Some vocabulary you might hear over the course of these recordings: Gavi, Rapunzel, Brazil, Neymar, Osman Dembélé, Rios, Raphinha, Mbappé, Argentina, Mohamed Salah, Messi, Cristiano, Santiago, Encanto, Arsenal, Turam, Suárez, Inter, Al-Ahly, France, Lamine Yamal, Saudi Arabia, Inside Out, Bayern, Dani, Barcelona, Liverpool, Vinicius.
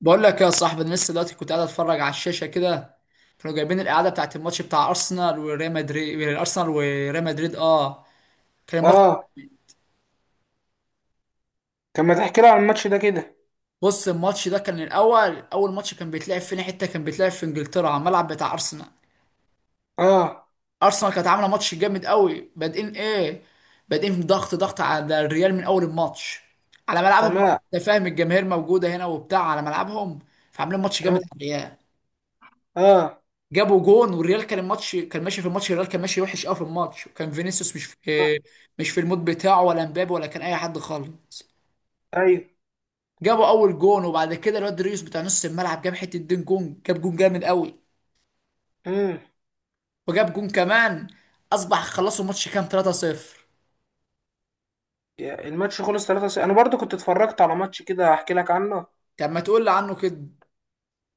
بقول لك يا صاحبي، انا لسه دلوقتي كنت قاعد اتفرج على الشاشه كده. كانوا جايبين القعده بتاعت الماتش بتاع ارسنال وريال مدريد كان الماتش. اه. طب ما تحكي لي عن الماتش ده كده. بص الماتش ده كان اول ماتش، كان بيتلعب فين؟ حته كان بيتلعب في انجلترا على الملعب بتاع ارسنال. اه. ارسنال كانت عامله ماتش جامد قوي، بادئين ضغط على الريال من اول الماتش، على ملعبهم بقى. تمام. انت فاهم؟ الجماهير موجوده هنا وبتاع على ملعبهم، فعاملين ماتش جامد على تمام. الريال. اه. جابوا جون، والريال كان الماتش، كان ماشي في الماتش، الريال كان ماشي وحش قوي في الماتش، وكان فينيسيوس مش في المود بتاعه، ولا مبابي، ولا كان اي حد خالص. ايوه. جابوا اول جون، وبعد كده الواد ريوس بتاع نص الملعب جاب حته دين جون، جاب جون جامد قوي، امم وجاب جون كمان، اصبح خلصوا الماتش كام؟ 3-0. الماتش خلص 3، انا برضو كنت اتفرجت على ماتش كده، هحكي لك عنه. طب ما تقول لي عنه كده.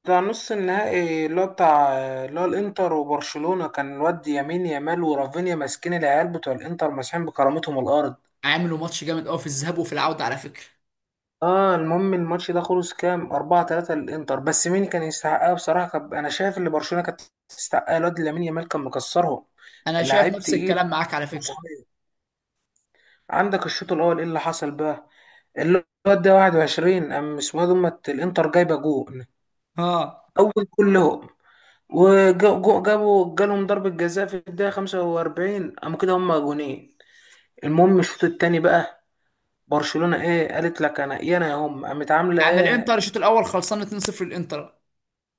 بتاع نص النهائي، اللي هو الانتر وبرشلونة. كان الواد يمين يامال ورافينيا ماسكين العيال بتوع الانتر، ماسحين بكرامتهم الارض. عملوا ماتش جامد قوي في الذهاب وفي العوده على فكره. اه، المهم الماتش ده خلص كام؟ 4-3 للانتر. بس مين كان يستحقها؟ بصراحة، انا شايف ان برشلونة كانت تستحقها. الواد لامين يامال كان مكسرهم. انا شايف لعيب نفس تقيل. الكلام معاك على فكره. عندك الشوط الاول ايه اللي حصل بقى؟ الواد ده 21، قام اسمه إيه، دومت، الانتر جايبه جون ها؟ اول كلهم، وجابوا جالهم ضربه جزاء في الدقيقه 45، قام كده هم جونين. المهم الشوط التاني بقى، برشلونه ايه قالت لك؟ انا يا انا يا هم. قامت عامله يعني ايه؟ الانتر الشوط الاول خلصان 2-0 الانتر.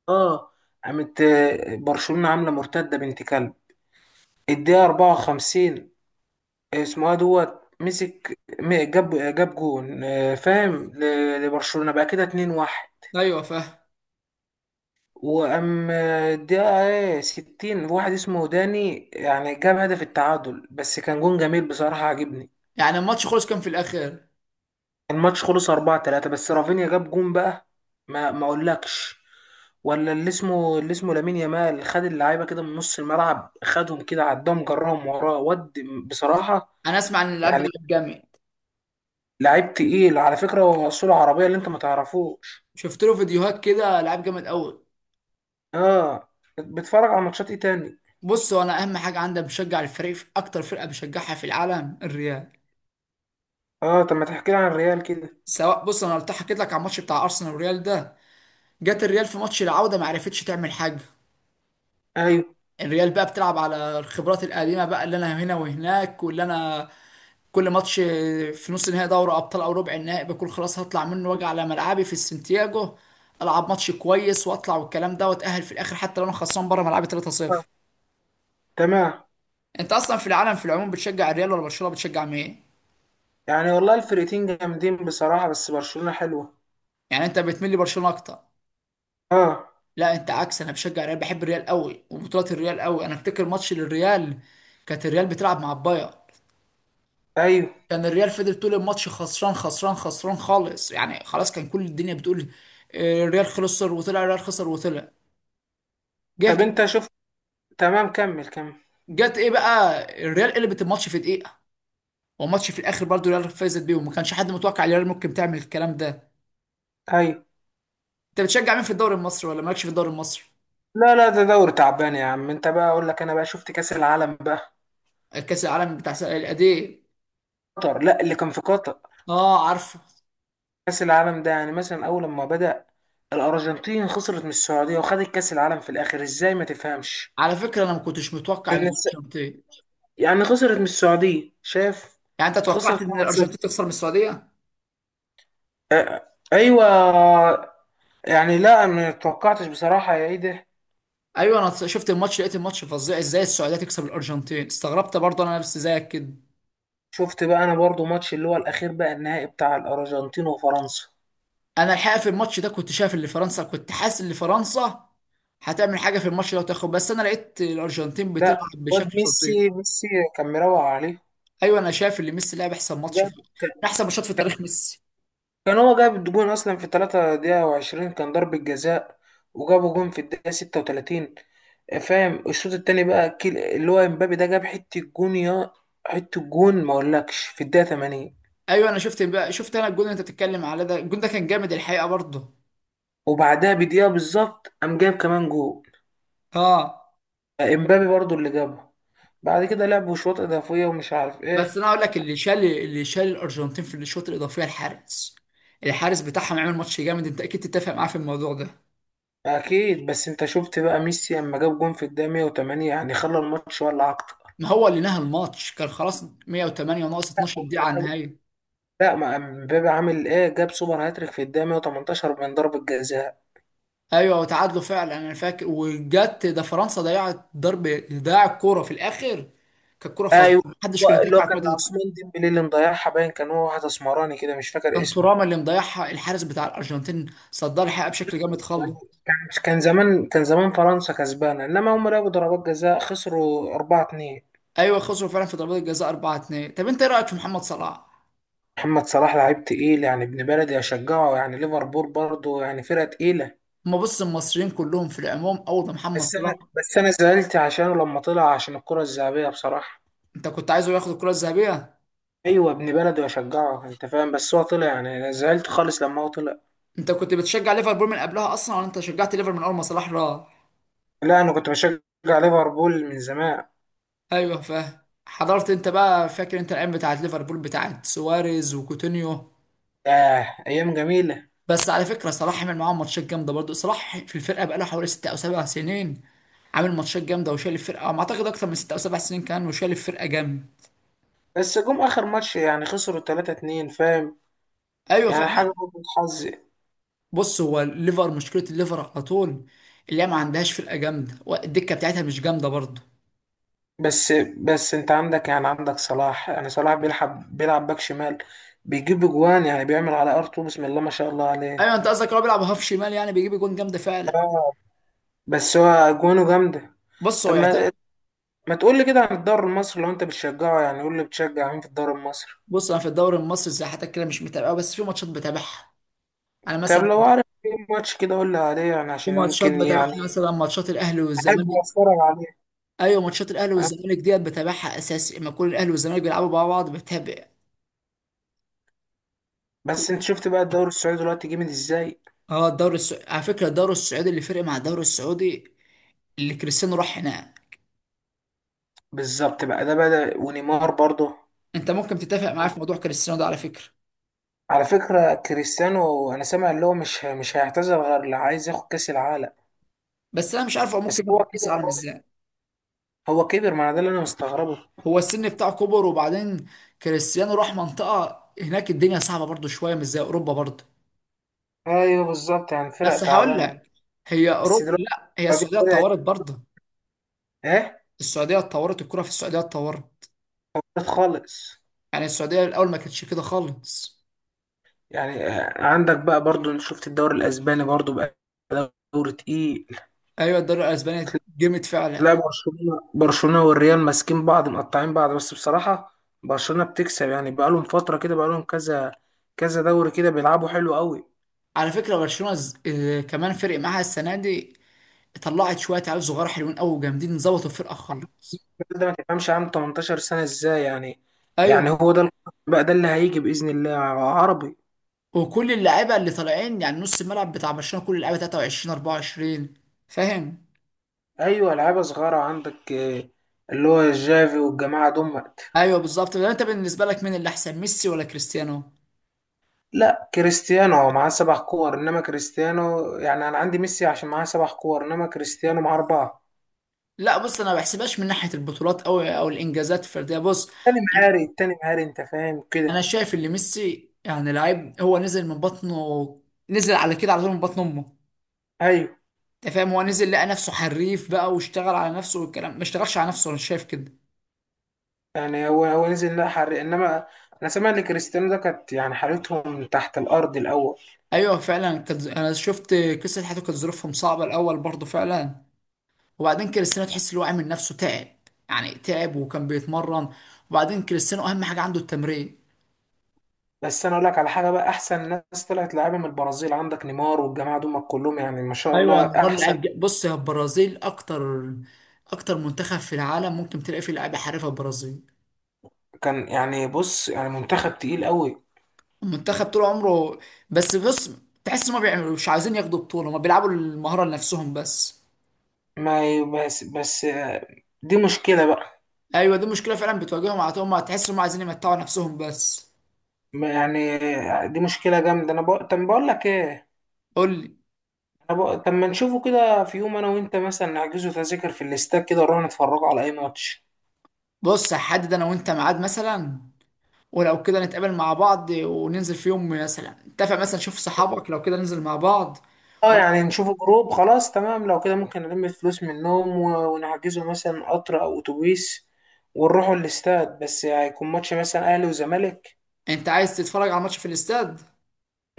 اه. قامت، برشلونه عامله مرتده بنت كلب. الدقيقه 54، اسمه إيه، دوت مسك، جاب جون. فاهم؟ لبرشلونه بقى كده 2-1. ايوه، فاهم. واما الدقيقة 60، واحد اسمه داني يعني، جاب هدف التعادل. بس كان جون جميل بصراحة، عجبني. يعني الماتش خلص كام في الاخر؟ الماتش خلص 4-3، بس رافينيا جاب جون بقى. ما اقولكش. ولا اللي اسمه لامين يامال. خد اللعيبة كده من نص الملعب، خدهم كده، عدهم، جرهم وراه، ود، بصراحة. انا اسمع عن اللاعب ده، يعني لعيب جامد. لعيب تقيل على فكرة، هو أصوله عربية اللي أنت ما تعرفوش. شفت له فيديوهات كده، لعيب جامد قوي. اه. بتتفرج على ماتشات إيه تاني؟ بص هو انا اهم حاجه عندي بشجع الفريق، في اكتر فرقه بشجعها في العالم الريال. اه. طب ما تحكي لي عن الريال كده. سواء بص انا حكيت لك على الماتش بتاع ارسنال والريال ده. جت الريال في ماتش العوده ما عرفتش تعمل حاجه. أيوه. الريال بقى بتلعب على الخبرات القديمه بقى، اللي انا هنا وهناك، واللي انا كل ماتش في نص نهائي دوري ابطال او ربع النهائي بكون خلاص هطلع منه، واجي على ملعبي في السنتياجو العب ماتش كويس واطلع والكلام ده، واتاهل في الاخر، حتى لو انا خسران بره ملعبي 3-0. آه. تمام. انت اصلا في العالم في العموم بتشجع الريال ولا برشلونه؟ بتشجع مين؟ يعني والله الفرقتين جامدين بصراحة، بس برشلونة حلوة. يعني انت بتميل لبرشلونه اكتر. اه. لا، انت عكس، انا بشجع الريال، بحب الريال قوي وبطولات الريال قوي. انا افتكر ماتش للريال، كانت الريال بتلعب مع البايرن. ايوه. كان الريال فضل طول الماتش خسران خسران خسران خالص، يعني خلاص كان كل الدنيا بتقول: اه، الريال خسر وطلع، الريال خسر وطلع. جه طب كده، انت شفت؟ تمام، كمل كمل. جت ايه بقى، الريال قلبت الماتش في دقيقه، والماتش في الاخر برضه الريال فازت بيهم، ما كانش حد متوقع الريال ممكن تعمل الكلام ده. ايوه. انت بتشجع مين في الدوري المصري، ولا مالكش في الدوري المصري؟ لا لا، ده دوري تعبان يا عم. انت بقى، اقول لك انا بقى شفت كأس العالم بقى. كاس العالم بتاع الأندية. قطر. لا، اللي كان في قطر. اه، عارفه. كأس العالم ده يعني، مثلا اول لما بدأ الارجنتين خسرت من السعودية، وخدت كأس العالم في الاخر، ازاي ما تفهمش؟ على فكره انا ما كنتش متوقع ان الناس- الارجنتين. يعني خسرت من السعودية، شاف. يعني انت توقعت خسرت ان الارجنتين 1-0. تخسر من السعوديه؟ آه، ايوه. يعني لا، ما توقعتش بصراحة، يا ايه ده. ايوه، انا شفت الماتش، لقيت الماتش فظيع، ازاي السعوديه تكسب الارجنتين، استغربت برضه انا نفسي زيك كده. شفت بقى، انا برضو ماتش اللي هو الاخير بقى، النهائي بتاع الارجنتين وفرنسا. انا الحقيقه في الماتش ده كنت حاسس ان فرنسا هتعمل حاجه في الماتش ده وتاخد، بس انا لقيت الارجنتين لا، بتلعب واد بشكل فظيع. ميسي ميسي كان مروق عليه. ايوه انا شايف ان ميسي لعب احسن ماتش جاب في كان من احسن ماتشات في تاريخ ميسي. كان هو جاب الجون اصلا في 3 دقيقة و20، كان ضربة جزاء. وجابوا جون في الدقيقة 36. فاهم؟ الشوط التاني بقى، اللي هو امبابي ده جاب حتة جون، يا حتة جون ما اقولكش في الدقيقة 80. ايوه انا شفت انا الجول اللي انت بتتكلم على ده، الجول ده كان جامد الحقيقه برضه. وبعدها بدقيقة بالظبط، قام جاب كمان جون، اه. امبابي برضو اللي جابه. بعد كده لعبوا شوط اضافيه، ومش عارف بس ايه. انا هقول لك، اللي شال الارجنتين في الشوط الاضافي الحارس بتاعهم عمل ماتش جامد، انت اكيد تتفق معاه في الموضوع ده. اكيد. بس انت شفت بقى، ميسي اما جاب جون في الدقيقه 108 يعني، خلى الماتش ولا اكتر. ما هو اللي نهى الماتش كان خلاص، 108 ناقص 12 هما دقيقة على لعبوا- النهاية. لا، ما امبابي عامل ايه؟ جاب سوبر هاتريك في الدقيقه 118 من ضربه جزاء. ايوه وتعادلوا فعلا انا فاكر، وجت ده فرنسا ضيع الكورة في الاخر. كانت كورة ايوه. فظيعة، محدش كان هو اللي هو يتوقع كان الكورة دي. عثمان ديمبلي اللي مضيعها، باين كان هو، واحد اسمراني كده مش فاكر كان اسمه. تورام اللي مضيعها، الحارس بتاع الارجنتين صدها الحقيقة بشكل جامد خالص. يعني كان كان زمان فرنسا كسبانه، انما هم لعبوا ضربات جزاء، خسروا 4-2. ايوه خسروا فعلا في ضربات الجزاء 4-2. طب انت ايه رايك في محمد صلاح؟ محمد صلاح لعيب تقيل يعني، ابن بلدي اشجعه، يعني ليفربول برضه يعني فرقه تقيله. ما بص، المصريين كلهم في العموم اول ما محمد بس صلاح. انا بس انا زعلت عشانه لما طلع، عشان الكرة الذهبية بصراحة. انت كنت عايزه ياخد الكره الذهبيه؟ ايوه، ابن بلدي واشجعه انت فاهم، بس هو طلع يعني انا زعلت خالص لما هو طلع. انت كنت بتشجع ليفربول من قبلها اصلا، ولا انت شجعت ليفربول من اول ما صلاح راح؟ لا، انا كنت بشجع ليفربول من زمان. ايوه فاهم. حضرت انت بقى؟ فاكر انت الايام بتاعت ليفربول بتاعت سواريز وكوتينيو؟ آه، ايام جميلة. بس على فكره صلاح عمل معاهم ماتشات جامده برضه، صلاح في الفرقه بقاله حوالي 6 أو 7 سنين، عامل ماتشات جامده وشايل الفرقه، ما اعتقد اكتر من 6 أو 7 سنين كان وشايل الفرقه جامد. بس جم اخر ماتش يعني خسروا 3-2، فاهم؟ ايوه يعني فاهم. حاجة برضه حظ. بص هو الليفر، مشكله الليفر على طول اللي هي ما عندهاش فرقه جامده، والدكه بتاعتها مش جامده برضه. بس بس انت عندك يعني عندك صلاح، يعني صلاح بيلعب باك شمال، بيجيب اجوان يعني، بيعمل على ارتو، بسم الله ما شاء الله عليه. ايوه انت قصدك هو بيلعب هاف شمال، يعني بيجيب جون جامده فعلا. بس هو اجوانه جامدة. بص هو طب ما يعتبر. ما تقول لي كده عن الدوري المصري لو انت بتشجعه، يعني قول لي بتشجع مين في الدوري المصري. بص انا في الدوري المصري زي حياتك كده مش متابعه، بس في ماتشات بتابعها. انا طب مثلا لو عارف ايه ماتش كده قول لي عليه، يعني في عشان ماتشات ممكن يعني بتابعها، مثلا ماتشات الاهلي احب والزمالك. اتفرج عليه. ايوه ماتشات الاهلي أه. والزمالك ديت بتابعها اساسي، لما يكون الاهلي والزمالك بيلعبوا مع بعض بتابع. بس انت شفت بقى الدوري السعودي دلوقتي جامد ازاي؟ اه، الدوري السعودي على فكره، الدوري السعودي اللي فرق مع الدوري السعودي اللي كريستيانو راح هناك. بالظبط بقى، ده بدأ، ونيمار برضه. انت ممكن تتفق معايا في موضوع كريستيانو ده على فكره. على فكرة كريستيانو، انا سامع اللي هو مش هيعتزل غير اللي عايز ياخد كأس العالم. بس انا مش عارف هو بس ممكن هو ياخد كاس كبر العالم برضه. ازاي. هو كبر، ما انا ده اللي انا مستغربه. هو السن بتاعه كبر، وبعدين كريستيانو راح منطقه هناك الدنيا صعبه برضو شويه، مش زي اوروبا برضو. ايوه بالظبط، يعني فرق بس هقول تعبان يعني. لك، هي بس اوروبا دلوقتي لا هي السعودية السعوديه بدأت. اتطورت برضه، ايه. السعوديه اتطورت، الكره في السعوديه اتطورت، خالص. يعني السعوديه الاول ما كانتش كده خالص. يعني عندك بقى برضو، أنا شفت الدوري الاسباني برضو بقى، دوري تقيل. ايوه الدوري الاسباني جامد لا، فعلا. برشلونة والريال ماسكين بعض، مقطعين بعض، بس بصراحة برشلونة بتكسب، يعني بقالهم فترة كده، بقالهم كذا كذا دوري كده بيلعبوا حلو قوي. على فكره برشلونه كمان فرق معاها السنه دي. طلعت شويه عيال صغار حلوين قوي وجامدين، ظبطوا الفرقه خالص. الراجل ده ما تفهمش، عام 18 سنة ازاي يعني؟ ايوه يعني هو ده بقى، ده اللي هيجي بإذن الله. عربي. وكل اللعيبه اللي طالعين يعني نص الملعب بتاع برشلونه، كل اللعيبه 23 24 فاهم. ايوه لعيبة صغيرة عندك، اللي هو جافي والجماعة دول. ايوه بالظبط ده. انت بالنسبه لك مين اللي احسن، ميسي ولا كريستيانو؟ لا، كريستيانو هو معاه سبع كور، انما كريستيانو، يعني انا عندي ميسي عشان معاه سبع كور، انما كريستيانو معاه اربعه. لا بص انا ما بحسبهاش من ناحيه البطولات او الانجازات الفرديه. بص التاني مهاري انت فاهم انا كده. شايف ان ميسي يعني لعيب، هو نزل من بطنه نزل على كده على طول من بطن امه. ايوه. انت فاهم، هو نزل لقى نفسه حريف بقى، واشتغل على نفسه والكلام، ما اشتغلش على نفسه انا شايف كده. يعني هو نزل لا حرق، انما انا سامع ان كريستيانو ده كانت يعني حالتهم تحت الارض الاول. ايوه فعلا. انا شفت قصه حياته، كانت ظروفهم صعبه الاول برضه فعلا. وبعدين كريستيانو تحس اللي هو عامل نفسه تعب، يعني تعب، وكان بيتمرن. وبعدين كريستيانو اهم حاجه عنده التمرين. بس انا اقول لك على حاجه بقى، احسن ناس طلعت لعيبه من البرازيل، عندك نيمار والجماعه دول كلهم يعني ما شاء ايوه الله، نيمار احسن. لعيب بص يا، البرازيل اكتر منتخب في العالم ممكن تلاقي فيه لعيبه حريفه البرازيل. كان يعني بص يعني، منتخب تقيل قوي. المنتخب طول عمره، بس بص تحس ما بيعملوا، مش عايزين ياخدوا بطوله، ما بيلعبوا المهاره لنفسهم بس. ما ي- بس دي مشكله بقى. ايوه دي مشكله فعلا بتواجههم على طول، ما تحس انهم عايزين يمتعوا نفسهم بس. يعني دي مشكلة جامدة. طب بقول لك إيه. قول لي. طب ما نشوفه كده في يوم، أنا وأنت مثلا نحجزه تذاكر في الاستاد كده، نروح نتفرجوا على أي ماتش. بص هحدد انا وانت ميعاد مثلا، ولو كده نتقابل مع بعض وننزل في يوم، مثلا نتفق، مثلا شوف صحابك لو كده ننزل مع بعض. أه يعني وأنا- نشوفه جروب، خلاص تمام، لو كده ممكن نلم الفلوس منهم و... ونحجزه مثلا قطر أو أتوبيس، ونروحوا الاستاد، بس هيكون ماتش مثلا أهلي وزمالك. انت عايز تتفرج على ماتش في الاستاد؟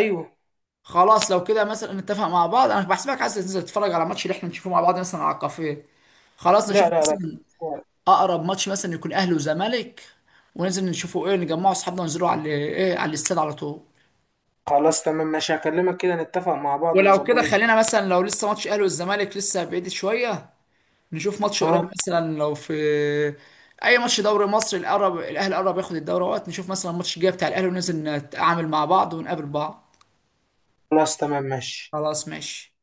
أيوه. خلاص لو كده مثلا نتفق مع بعض، انا بحسبك عايز تنزل تتفرج على ماتش اللي احنا نشوفه مع بعض مثلا على الكافيه. خلاص نشوف لا لا لا، في مثلا الاستاد. اقرب ماتش مثلا يكون اهلي وزمالك، وننزل نشوفه ايه نجمعه اصحابنا وننزلوا على ايه، على الاستاد على طول. خلاص تمام ماشي، هكلمك كده نتفق مع بعض ولو ونظبط كده الد-. خلينا مثلا، لو لسه ماتش اهلي والزمالك لسه بعيد شويه، نشوف ماتش قريب، أه. مثلا لو في اي ماتش دوري مصر القرب، الاهلي قرب ياخد الدوري وقت نشوف مثلا الماتش الجاي بتاع الاهلي، وننزل نتعامل مع بعض ونقابل بعض. خلاص تمام ماشي. خلاص ماشي.